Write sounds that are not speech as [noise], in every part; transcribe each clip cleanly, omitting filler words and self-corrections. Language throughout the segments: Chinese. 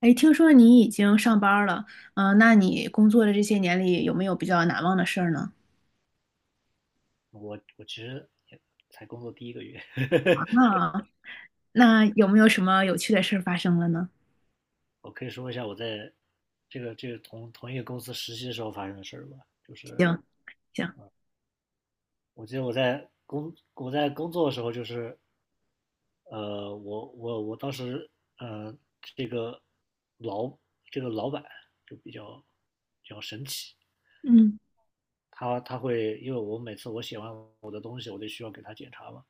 哎，听说你已经上班儿了，那你工作的这些年里有没有比较难忘的事儿呢？我其实也才工作第一个月，[laughs] 啊，那有没有什么有趣的事儿发生了呢？我可以说一下我在这个同一个公司实习的时候发生的事儿吧。就是行，行，我记得我在工作的时候，就是，我当时，嗯，这个老这个老板就比较神奇。嗯，他会因为我每次我写完我的东西，我就需要给他检查嘛。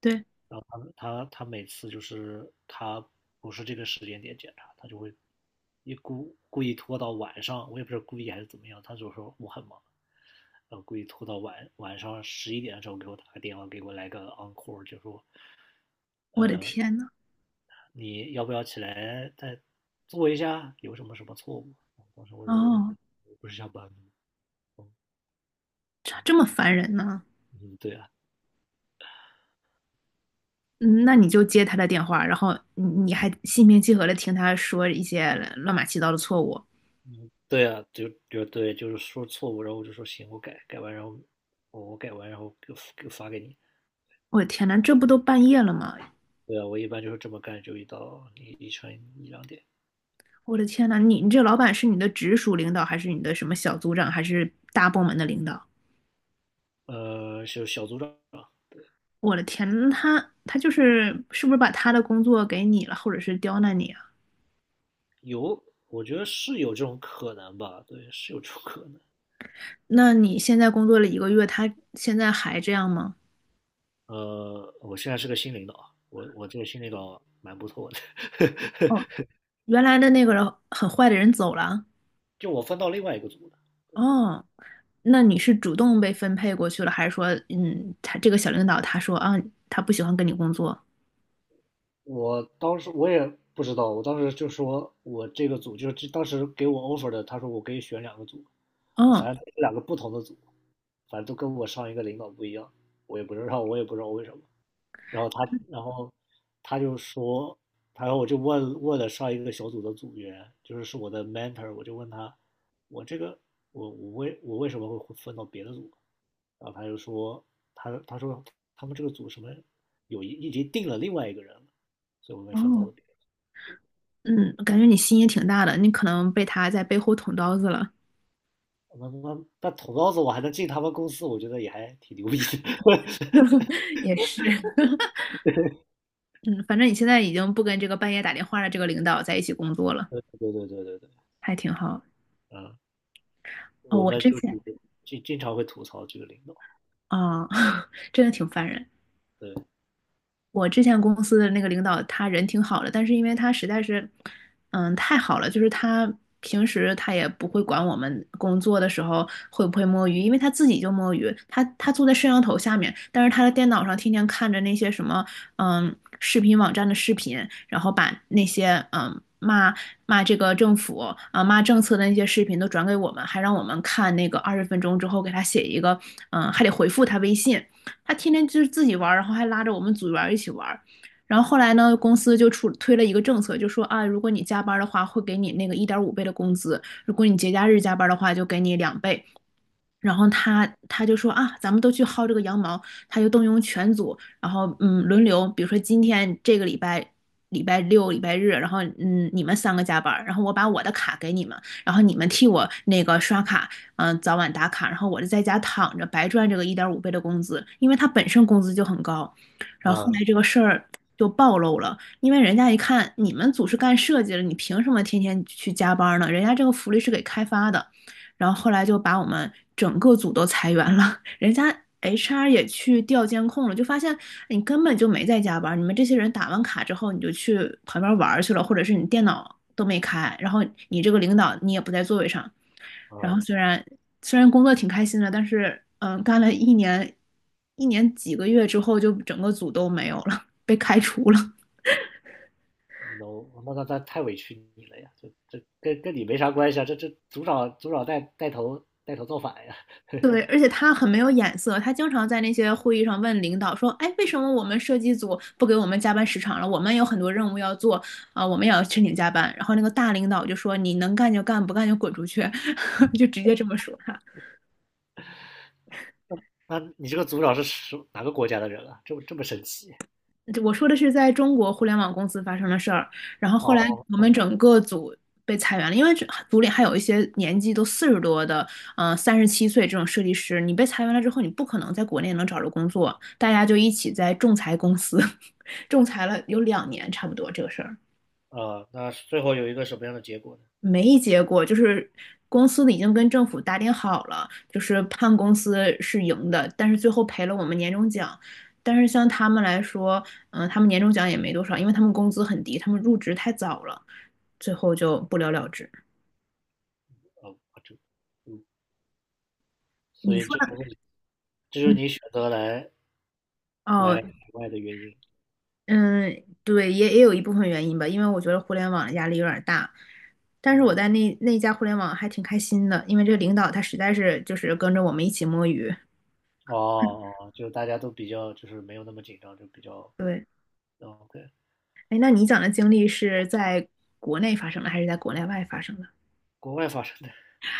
对，他每次就是他不是这个时间点检查，他就会故意拖到晚上，我也不知道故意还是怎么样，他就说我很忙，然后故意拖到晚上11点的时候给我打个电话，给我来个 encore，就说，我的呃，天呐，你要不要起来再做一下？有什么什么错误？啊，当时我哦，我不是下班吗？这么烦人呢？嗯，对啊。嗯，那你就接他的电话，然后你还心平气和的听他说一些乱码七糟的错误。嗯，对啊，就对，就是说错误。然后我就说行，我改完，然后我改完，然后给发给你。我的天呐，这不都半夜了吗？对啊，我一般就是这么干，就一到一一晨一两点。我的天呐，你这老板是你的直属领导，还是你的什么小组长，还是大部门的领导？呃，就小组长。我的天，那他就是是不是把他的工作给你了，或者是刁难你啊？有，我觉得是有这种可能吧，对，是有这种可能。那你现在工作了一个月，他现在还这样吗？我现在是个新领导啊，我这个新领导蛮不错的，哦，[laughs] 原来的那个人很坏的人走了。就我分到另外一个组了。哦，那你是主动被分配过去了，还是说，嗯，他这个小领导他说啊，他不喜欢跟你工作？我当时我也不知道，我当时就说我这个组就是当时给我 offer 的，他说我可以选2个组，哦反正两个不同的组，反正都跟我上一个领导不一样。我也不知道，我也不知道为什么。然后他就说，然后我就问了上一个小组的组员，就是我的 mentor，我就问他，我这个我我为我为什么会分到别的组？然后他就说，他说他们这个组什么有一已经定了另外一个人了，所以我被分到哦，了别的。嗯，感觉你心也挺大的，你可能被他在背后捅刀子了。那捅刀子我还能进他们公司，我觉得也还挺牛逼的。[laughs] [laughs] 也是，[laughs] 嗯，反正你现在已经不跟这个半夜打电话的这个领导在一起工作了，对对对对对对。还挺好。嗯，哦，我我们之就是前经常会吐槽这个领导，啊，[laughs] 真的挺烦人。对。我之前公司的那个领导，他人挺好的，但是因为他实在是，嗯，太好了，就是他平时他也不会管我们工作的时候会不会摸鱼，因为他自己就摸鱼，他坐在摄像头下面，但是他的电脑上天天看着那些什么，视频网站的视频，然后把那些骂这个政府啊骂政策的那些视频都转给我们，还让我们看那个20分钟之后给他写一个，还得回复他微信。他天天就是自己玩然后还拉着我们组员一起玩然后后来呢，公司就出推了一个政策，就说啊，如果你加班的话，会给你那个一点五倍的工资；如果你节假日加班的话，就给你2倍。然后他就说啊，咱们都去薅这个羊毛，他就动用全组，然后轮流，比如说今天这个礼拜六、礼拜日，然后你们三个加班儿，然后我把我的卡给你们，然后你们替我那个刷卡，早晚打卡，然后我就在家躺着白赚这个一点五倍的工资，因为他本身工资就很高，然后后嗯来这个事儿就暴露了，因为人家一看你们组是干设计的，你凭什么天天去加班儿呢？人家这个福利是给开发的。然后后来就把我们整个组都裁员了，[laughs] 人家 HR 也去调监控了，就发现哎你根本就没在加班，你们这些人打完卡之后你就去旁边玩去了，或者是你电脑都没开，然后你这个领导你也不在座位上，然后嗯。虽然工作挺开心的，但是干了一年几个月之后，就整个组都没有了，被开除了。no，那太委屈你了呀，这跟你没啥关系啊，这组长带头造反呀。[laughs] 对，而且他很没有眼色，他经常在那些会议上问领导说：“哎，为什么我们设计组不给我们加班时长了？我们有很多任务要做啊、我们也要申请加班。”然后那个大领导就说：“你能干就干，不干就滚出去。” [laughs] 就直接这么说他。那你这个组长是哪个国家的人啊？这么神奇？我说的是在中国互联网公司发生的事儿，然后后来哦，我们整个组被裁员了，因为这组里还有一些年纪都40多的，37岁这种设计师，你被裁员了之后，你不可能在国内能找着工作，大家就一起在仲裁公司。仲裁了有两年差不多这个事儿呃，那最后有一个什么样的结果呢？没结果，就是公司的已经跟政府打点好了，就是判公司是赢的，但是最后赔了我们年终奖。但是像他们来说，嗯，他们年终奖也没多少，因为他们工资很低，他们入职太早了，最后就不了了之。哦，啊，这，嗯，所你以说的，这就是嗯你选择来哦，来海外的原因。嗯，对，也有一部分原因吧，因为我觉得互联网的压力有点大。但是我嗯，在那家互联网还挺开心的，因为这个领导他实在是就是跟着我们一起摸鱼。哦哦，哦就大家都比较就是没有那么紧张，就比较，对，哦，对。哎，那你讲的经历是在国内发生的，还是在国内外发生的？国外发生的。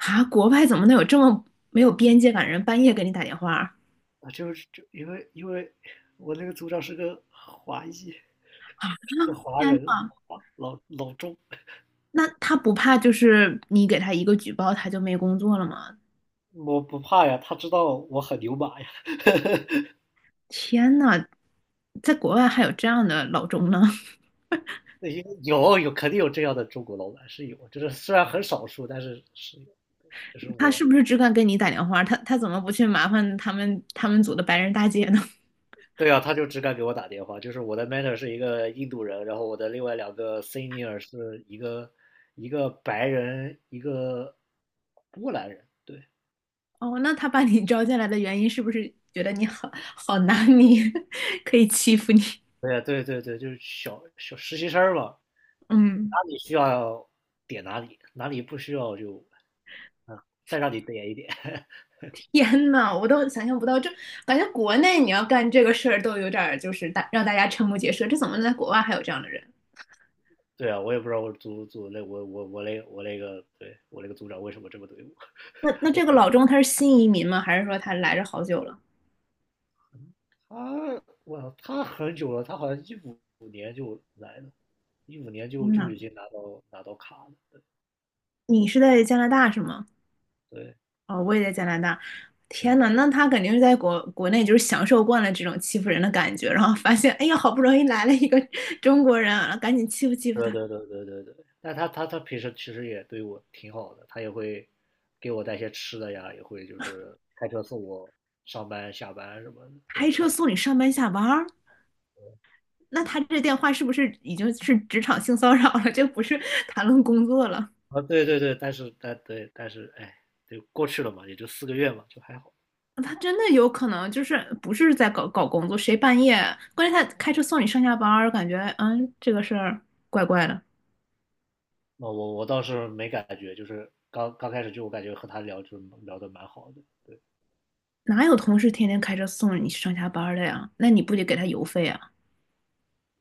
啊，国外怎么能有这么没有边界感的人半夜给你打电话？啊啊，就是就因为我那个组长是个华裔，是个华天人，呐，华老中。那他不怕就是你给他一个举报，他就没工作了吗？我不怕呀，他知道我很牛马呀。[laughs] 天呐，在国外还有这样的老钟呢？因为肯定有这样的中国老板是有，就是虽然很少数，但是是有。就是 [laughs] 他我。是不是只敢给你打电话？他怎么不去麻烦他们组的白人大姐呢？[laughs] 对啊，他就只敢给我打电话。就是我的 mentor 是一个印度人，然后我的另外两个 senior 是一个一个白人，一个波兰人。对。哦，那他把你招进来的原因是不是觉得你好拿捏，[laughs] 可以欺负你？对啊，对对对，就是小小实习生嘛。[laughs] 哪嗯。里需要点哪里，哪里不需要就，啊，再让你点一点。[laughs] 天呐，我都想象不到，这，感觉国内你要干这个事儿都有点儿就是让大家瞠目结舌，这怎么能在国外还有这样的人？对啊，我也不知道，我组组那我我我那我那个对我那个组长为什么这么对那我。这个老钟他是新移民吗？还是说他来这好久了？[laughs] 我他我他很久了。他好像一五年就来了，一五年就天就呐，已经拿到卡了。你是在加拿大是吗？对。哦，我也在加拿大。天嗯，呐，那他肯定是在国内就是享受惯了这种欺负人的感觉，然后发现哎呀，好不容易来了一个中国人啊，赶紧欺负欺负对他，对对对对对。但他平时其实也对我挺好的，他也会给我带些吃的呀，也会就是开车送我上班下班什么的。对开他。车送你上班下班儿。那他这电话是不是已经是职场性骚扰了？这不是谈论工作了。啊，对对对，但是，对，但是哎，就过去了嘛，也就4个月嘛，就还好。他真的有可能就是不是在搞工作，谁半夜？关键他开车送你上下班儿，感觉这个事儿怪怪的。那我倒是没感觉，就是刚刚开始就我感觉和他聊就聊得蛮好的，对。哪有同事天天开车送你上下班儿的呀？那你不得给他油费啊？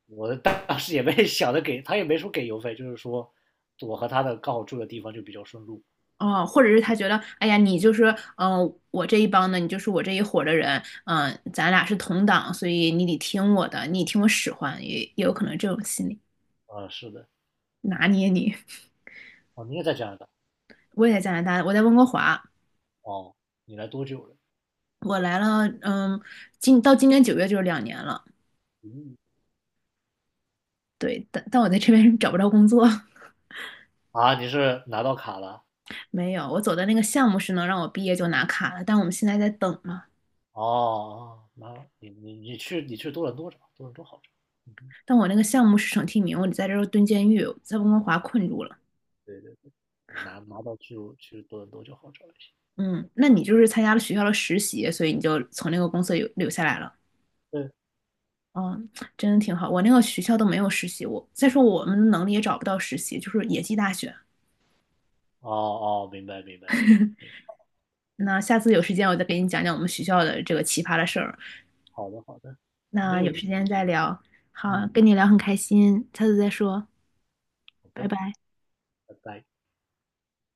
我当时也没 [laughs] 想着给他也没说给邮费，就是说我和他的刚好住的地方就比较顺路。哦，或者是他觉得，哎呀，你就是我这一帮的，你就是我这一伙的人，咱俩是同党，所以你得听我的，你听我使唤，也有可能这种心理啊，是的。拿捏你。哦，你也在加拿大。[laughs] 我也在加拿大，我在温哥华，哦，你来多久了？我来了，到今年九月就是两年了。嗯。对，但我在这边找不着工作，[laughs] 啊，你是拿到卡了？没有。我走的那个项目是能让我毕业就拿卡的，但我们现在在等嘛。哦，拿你你你去你去多伦多找，多伦多好找，但我那个项目是省提名，我得在这儿蹲监狱，在温哥华困住了。对对。你拿到去多伦多就好找一些。嗯，那你就是参加了学校的实习，所以你就从那个公司留下来了。对。嗯，真的挺好。我那个学校都没有实习，我再说我们能力也找不到实习，就是野鸡大学。哦哦，明白明白明白明白，那下次有时间我再给你讲讲我们学校的这个奇葩的事儿。好的好的，没那有有时问间题，再聊。好，嗯，跟你聊很开心，下次再说，好拜的，拜。拜拜。